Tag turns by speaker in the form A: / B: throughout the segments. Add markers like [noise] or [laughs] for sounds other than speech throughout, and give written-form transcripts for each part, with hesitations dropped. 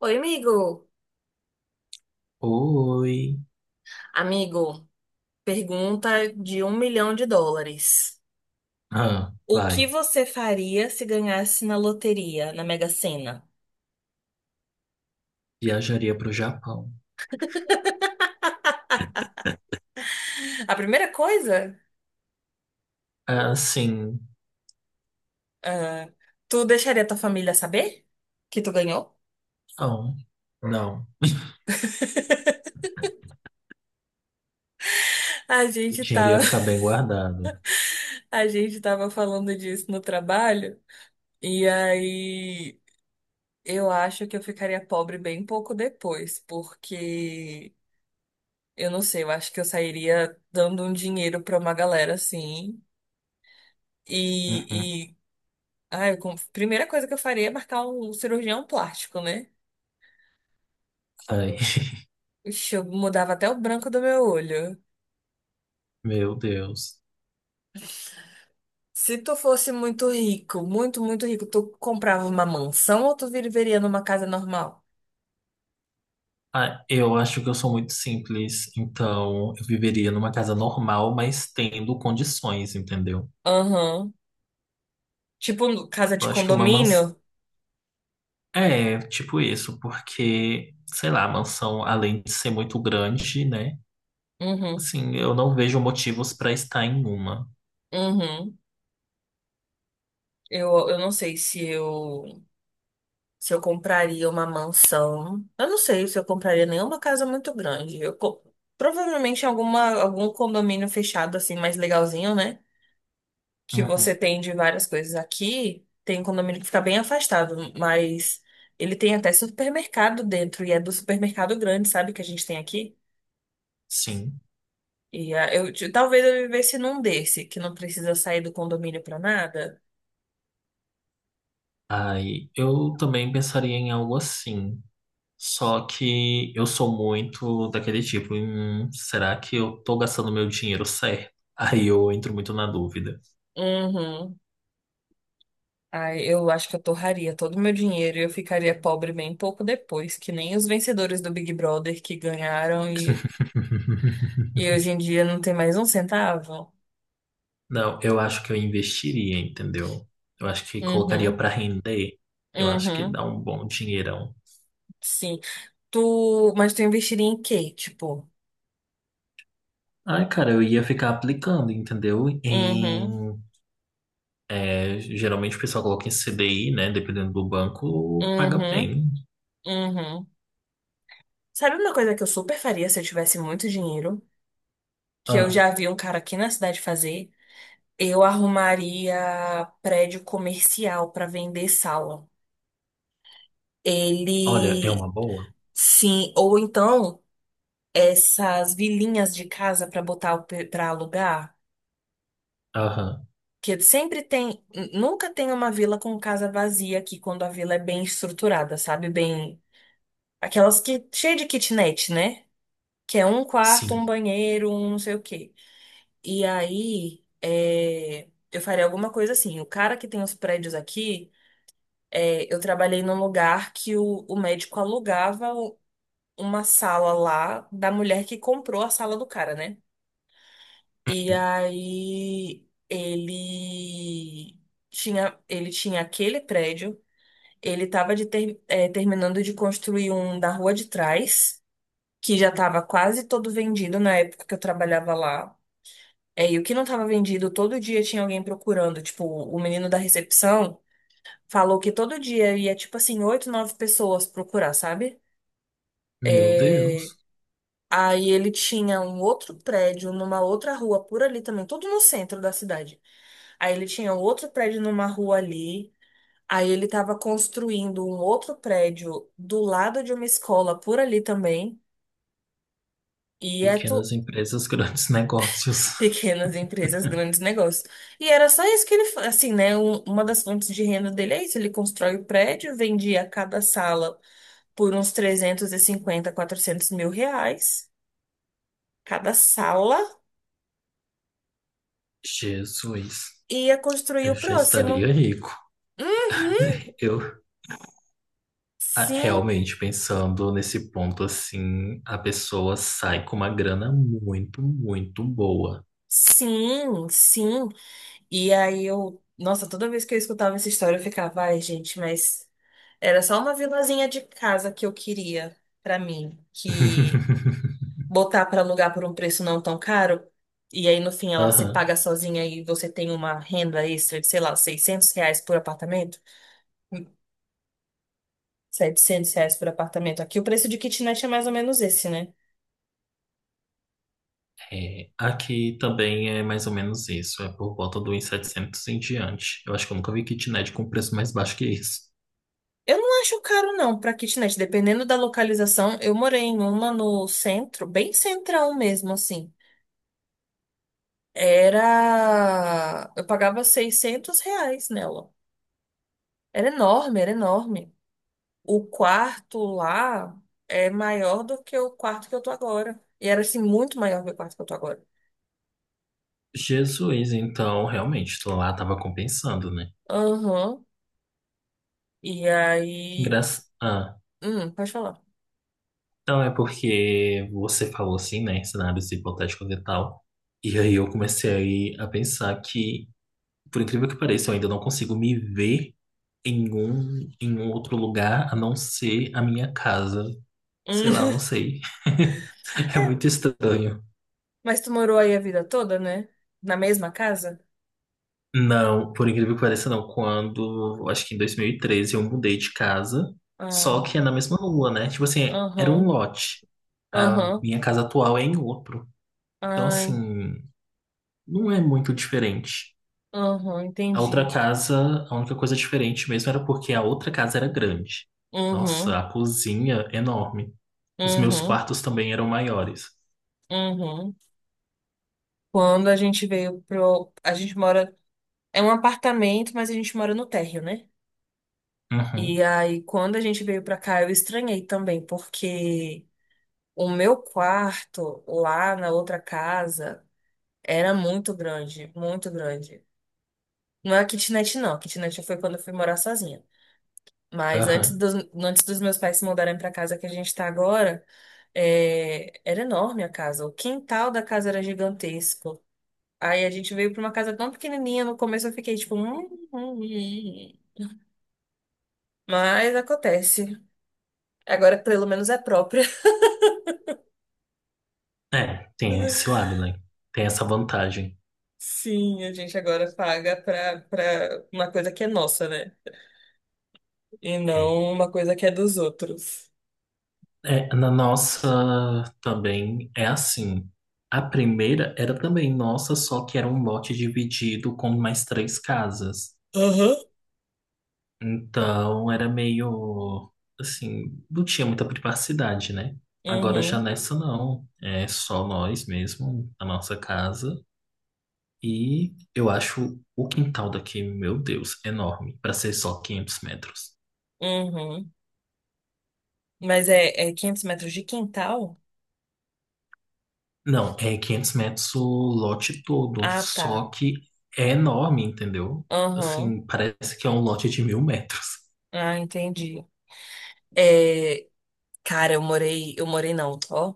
A: Oi, amigo.
B: Oi.
A: Amigo, pergunta de um milhão de dólares.
B: Ah,
A: O que
B: vai.
A: você faria se ganhasse na loteria, na Mega Sena?
B: Viajaria para o Japão.
A: A primeira coisa,
B: Ah, sim.
A: ah, tu deixaria tua família saber que tu ganhou?
B: Não. Não.
A: A
B: O
A: gente
B: dinheiro
A: tá,
B: ia ficar
A: [laughs]
B: bem guardado.
A: a gente tava falando disso no trabalho, e aí eu acho que eu ficaria pobre bem pouco depois, porque eu não sei, eu acho que eu sairia dando um dinheiro pra uma galera assim.
B: Uhum.
A: E, Ah, primeira coisa que eu faria é marcar um cirurgião plástico, né?
B: Ai, [laughs]
A: Ixi, eu mudava até o branco do meu olho.
B: meu Deus.
A: Se tu fosse muito rico, muito, muito rico, tu comprava uma mansão ou tu viveria numa casa normal?
B: Ah, eu acho que eu sou muito simples, então eu viveria numa casa normal, mas tendo condições, entendeu?
A: Aham. Tipo, casa de
B: Eu acho que uma
A: condomínio?
B: mansão. É, tipo isso, porque, sei lá, a mansão, além de ser muito grande, né?
A: Uhum.
B: Assim, eu não vejo motivos para estar em uma.
A: Uhum. Eu não sei se eu compraria uma mansão. Eu não sei se eu compraria nenhuma casa muito grande. Provavelmente alguma, algum condomínio fechado, assim, mais legalzinho, né? Que você
B: Uhum,
A: tem de várias coisas aqui, tem um condomínio que fica bem afastado, mas ele tem até supermercado dentro, e é do supermercado grande, sabe, que a gente tem aqui?
B: sim.
A: E talvez eu vivesse num desse, que não precisa sair do condomínio pra nada.
B: Ai, eu também pensaria em algo assim. Só que eu sou muito daquele tipo, será que eu tô gastando meu dinheiro certo? Aí eu entro muito na dúvida.
A: Uhum. Ai, eu acho que eu torraria todo o meu dinheiro e eu ficaria pobre bem pouco depois, que nem os vencedores do Big Brother que ganharam e
B: [laughs]
A: hoje em dia não tem mais um centavo.
B: Não, eu acho que eu investiria, entendeu? Eu acho que colocaria
A: Uhum,
B: pra render. Eu acho que
A: uhum,
B: dá um bom dinheirão.
A: sim. Mas tu investiria em quê? Tipo,
B: Ai, cara, eu ia ficar aplicando, entendeu?
A: uhum,
B: Geralmente o pessoal coloca em CDI, né? Dependendo do banco, paga
A: uhum,
B: bem.
A: uhum. Sabe uma coisa que eu super faria se eu tivesse muito dinheiro? Que eu
B: Ah,
A: já vi um cara aqui na cidade fazer? Eu arrumaria prédio comercial pra vender sala.
B: olha, é uma
A: Ele,
B: boa.
A: sim, ou então essas vilinhas de casa pra botar para alugar.
B: Aham,
A: Que sempre tem, nunca tem uma vila com casa vazia aqui quando a vila é bem estruturada, sabe? Bem, aquelas que cheia de kitnet, né? Que é um quarto,
B: sim.
A: um banheiro, um não sei o quê. E aí, é, eu faria alguma coisa assim. O cara que tem os prédios aqui, é, eu trabalhei num lugar que o médico alugava uma sala lá da mulher que comprou a sala do cara, né? E aí ele tinha aquele prédio, ele estava é, terminando de construir um da rua de trás, que já estava quase todo vendido na época que eu trabalhava lá. É, e o que não estava vendido, todo dia tinha alguém procurando. Tipo, o menino da recepção falou que todo dia ia, tipo assim, oito, nove pessoas procurar, sabe?
B: Meu
A: É,
B: Deus.
A: aí ele tinha um outro prédio numa outra rua por ali também, tudo no centro da cidade. Aí ele tinha um outro prédio numa rua ali. Aí ele estava construindo um outro prédio do lado de uma escola por ali também. E é tu-
B: Pequenas empresas, grandes [laughs] negócios.
A: Pequenas empresas, grandes negócios. E era só isso que assim, né? Uma das fontes de renda dele é isso. Ele constrói o prédio, vendia cada sala por uns trezentos e cinquenta, 400 mil reais, cada sala,
B: Jesus,
A: e ia construir
B: eu
A: o
B: já estaria
A: próximo.
B: rico.
A: Uhum,
B: [laughs] Eu
A: sim,
B: realmente pensando nesse ponto assim, a pessoa sai com uma grana muito, muito boa.
A: sim, sim. E aí eu, nossa, toda vez que eu escutava essa história, eu ficava, ai, gente, mas era só uma vilazinha de casa que eu queria pra mim, que
B: [laughs]
A: botar para alugar por um preço não tão caro, e aí no fim ela se
B: Aham,
A: paga sozinha e você tem uma renda extra de, sei lá, R$ 600 por apartamento, Hum, R$ 700 por apartamento. Aqui o preço de kitnet é mais ou menos esse, né?
B: é, aqui também é mais ou menos isso, é por volta do 1.700 em diante. Eu acho que eu nunca vi kitnet com preço mais baixo que isso.
A: Eu não acho caro não para kitnet, dependendo da localização. Eu morei em uma no centro, bem central mesmo, assim. Eu pagava R$ 600 nela. Era enorme, era enorme. O quarto lá é maior do que o quarto que eu tô agora. E era assim, muito maior do que o quarto que eu tô agora.
B: Jesus, então realmente, lá tava compensando, né?
A: Aham. E aí.
B: Engraça... Ah,
A: Pode falar.
B: então é porque você falou assim, né, em cenários hipotéticos e tal. E aí eu comecei a pensar que, por incrível que pareça, eu ainda não consigo me ver em um outro lugar a não ser a minha casa. Sei lá,
A: Hum.
B: não sei. [laughs] É muito
A: [laughs]
B: estranho.
A: Mas tu morou aí a vida toda, né? Na mesma casa?
B: Não, por incrível que pareça, não. Quando, acho que em 2013, eu mudei de casa,
A: Ah,
B: só que é na mesma rua, né? Tipo assim, era
A: aham,
B: um lote. A
A: aham.
B: minha casa atual é em outro. Então,
A: Ai,
B: assim. Não é muito diferente.
A: aham,
B: A outra
A: entendi.
B: casa, a única coisa diferente mesmo era porque a outra casa era grande. Nossa,
A: Uhum,
B: a cozinha enorme. Os meus
A: uhum,
B: quartos também eram maiores.
A: uhum. Quando a gente veio pro. A gente mora. É um apartamento, mas a gente mora no térreo, né?
B: Uhum,
A: E aí, quando a gente veio pra cá, eu estranhei também, porque o meu quarto lá na outra casa era muito grande, muito grande. Não é a kitnet, não. A kitnet foi quando eu fui morar sozinha. Mas
B: aham.
A: antes dos meus pais se mudarem pra casa que a gente tá agora, é, era enorme a casa. O quintal da casa era gigantesco. Aí a gente veio pra uma casa tão pequenininha. No começo eu fiquei tipo, hum. Hum, hum." Mas acontece. Agora pelo menos é próprio.
B: É, tem esse lado, né? Tem essa vantagem.
A: Sim, a gente agora paga pra uma coisa que é nossa, né? E
B: É.
A: não uma coisa que é dos outros.
B: É, na nossa também é assim. A primeira era também nossa, só que era um lote dividido com mais três casas.
A: Aham.
B: Então, era meio assim, não tinha muita privacidade, né? Agora já
A: Uhum,
B: nessa não, é só nós mesmo, a nossa casa. E eu acho o quintal daqui, meu Deus, enorme, para ser só 500 metros.
A: uhum. Mas é 500 metros de quintal?
B: Não, é 500 metros o lote todo,
A: Ah,
B: só
A: tá.
B: que é enorme, entendeu?
A: Aham.
B: Assim, parece que é um lote de 1.000 metros.
A: Ah, entendi. É, cara, eu morei não, ó.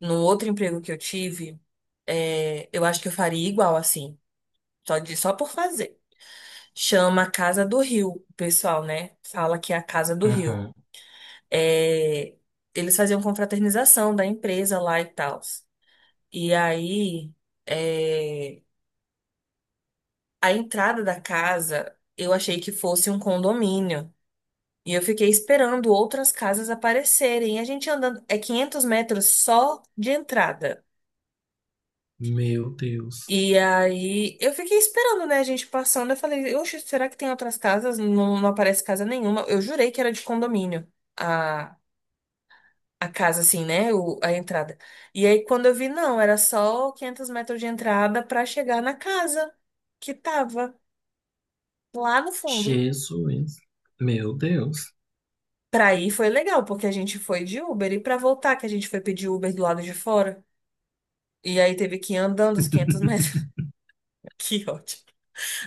A: Num outro emprego que eu tive, é, eu acho que eu faria igual assim, só de, só por fazer. Chama Casa do Rio, o pessoal, né? Fala que é a Casa do Rio.
B: Uhum.
A: É, eles faziam confraternização da empresa lá e tal. E aí, é, a entrada da casa, eu achei que fosse um condomínio. E eu fiquei esperando outras casas aparecerem. E a gente andando, é 500 metros só de entrada.
B: Meu Deus,
A: E aí, eu fiquei esperando, né, a gente passando. Eu falei, oxe, será que tem outras casas? Não, não aparece casa nenhuma. Eu jurei que era de condomínio a casa, assim, né? A entrada. E aí, quando eu vi, não, era só 500 metros de entrada pra chegar na casa que tava lá no fundo.
B: Jesus, meu Deus,
A: Pra ir foi legal, porque a gente foi de Uber. E pra voltar, que a gente foi pedir Uber do lado de fora. E aí teve que ir andando os 500
B: [laughs]
A: metros. [laughs] Que ótimo.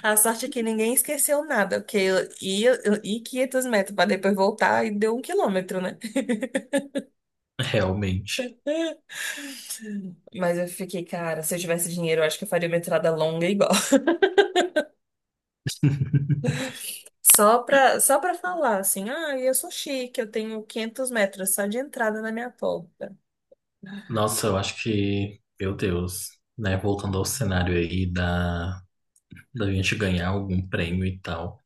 A: A sorte é que ninguém esqueceu nada, porque eu ia 500 metros pra depois voltar e deu um quilômetro, né?
B: realmente.
A: Mas eu fiquei, cara, se eu tivesse dinheiro, eu acho que eu faria uma entrada longa igual. Só pra falar assim, ah, eu sou chique, eu tenho 500 metros só de entrada na minha porta.
B: Nossa, eu acho que, meu Deus, né? Voltando ao cenário aí da gente ganhar algum prêmio e tal,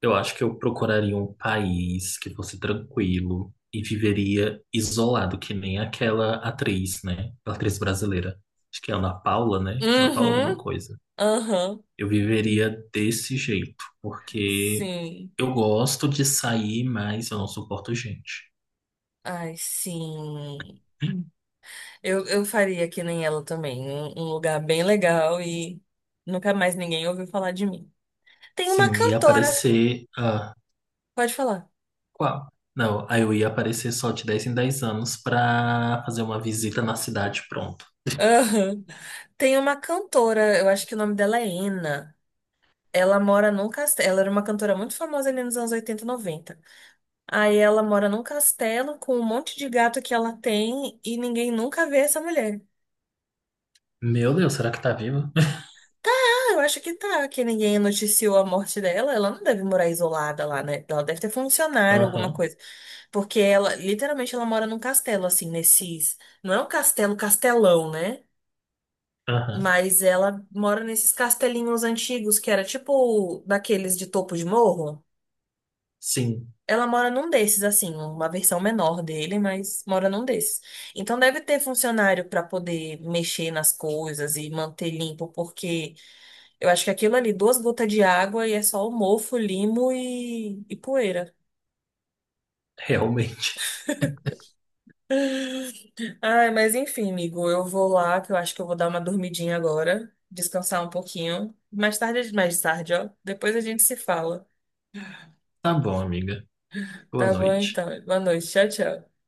B: eu acho que eu procuraria um país que fosse tranquilo e viveria isolado, que nem aquela atriz, né? A atriz brasileira. Acho que é a Ana Paula, né? Ana Paula alguma
A: Uhum,
B: coisa.
A: aham,
B: Eu viveria desse jeito, porque
A: sim.
B: eu gosto de sair, mas eu não suporto gente.
A: Ai, sim. Eu faria que nem ela também. Um lugar bem legal e nunca mais ninguém ouviu falar de mim. Tem uma
B: Sim, e
A: cantora,
B: aparecer.
A: pode falar.
B: Qual? Não, aí eu ia aparecer só de 10 em 10 anos pra fazer uma visita na cidade, pronto.
A: Aham. Tem uma cantora, eu acho que o nome dela é Ena. Ela mora num castelo. Ela era uma cantora muito famosa ali nos anos 80 e 90. Aí ela mora num castelo com um monte de gato que ela tem e ninguém nunca vê essa mulher.
B: Meu Deus, será que tá viva?
A: Tá, eu acho que tá, que ninguém noticiou a morte dela. Ela não deve morar isolada lá, né? Ela deve ter
B: [laughs]
A: funcionário, alguma
B: Aham,
A: coisa. Porque ela, literalmente, ela mora num castelo, assim, nesses. Não é um castelo, castelão, né?
B: aham.
A: Mas ela mora nesses castelinhos antigos que era tipo daqueles de topo de morro.
B: Sim,
A: Ela mora num desses, assim, uma versão menor dele, mas mora num desses. Então deve ter funcionário para poder mexer nas coisas e manter limpo, porque eu acho que aquilo ali, duas gotas de água e é só o mofo, limo e poeira.
B: [laughs] realmente.
A: Ai, mas enfim, amigo, eu vou lá, que eu acho que eu vou dar uma dormidinha agora, descansar um pouquinho. Mais tarde, ó. Depois a gente se fala.
B: Tá bom, amiga. Boa
A: Tá bom,
B: noite.
A: então. Boa noite. Tchau, tchau.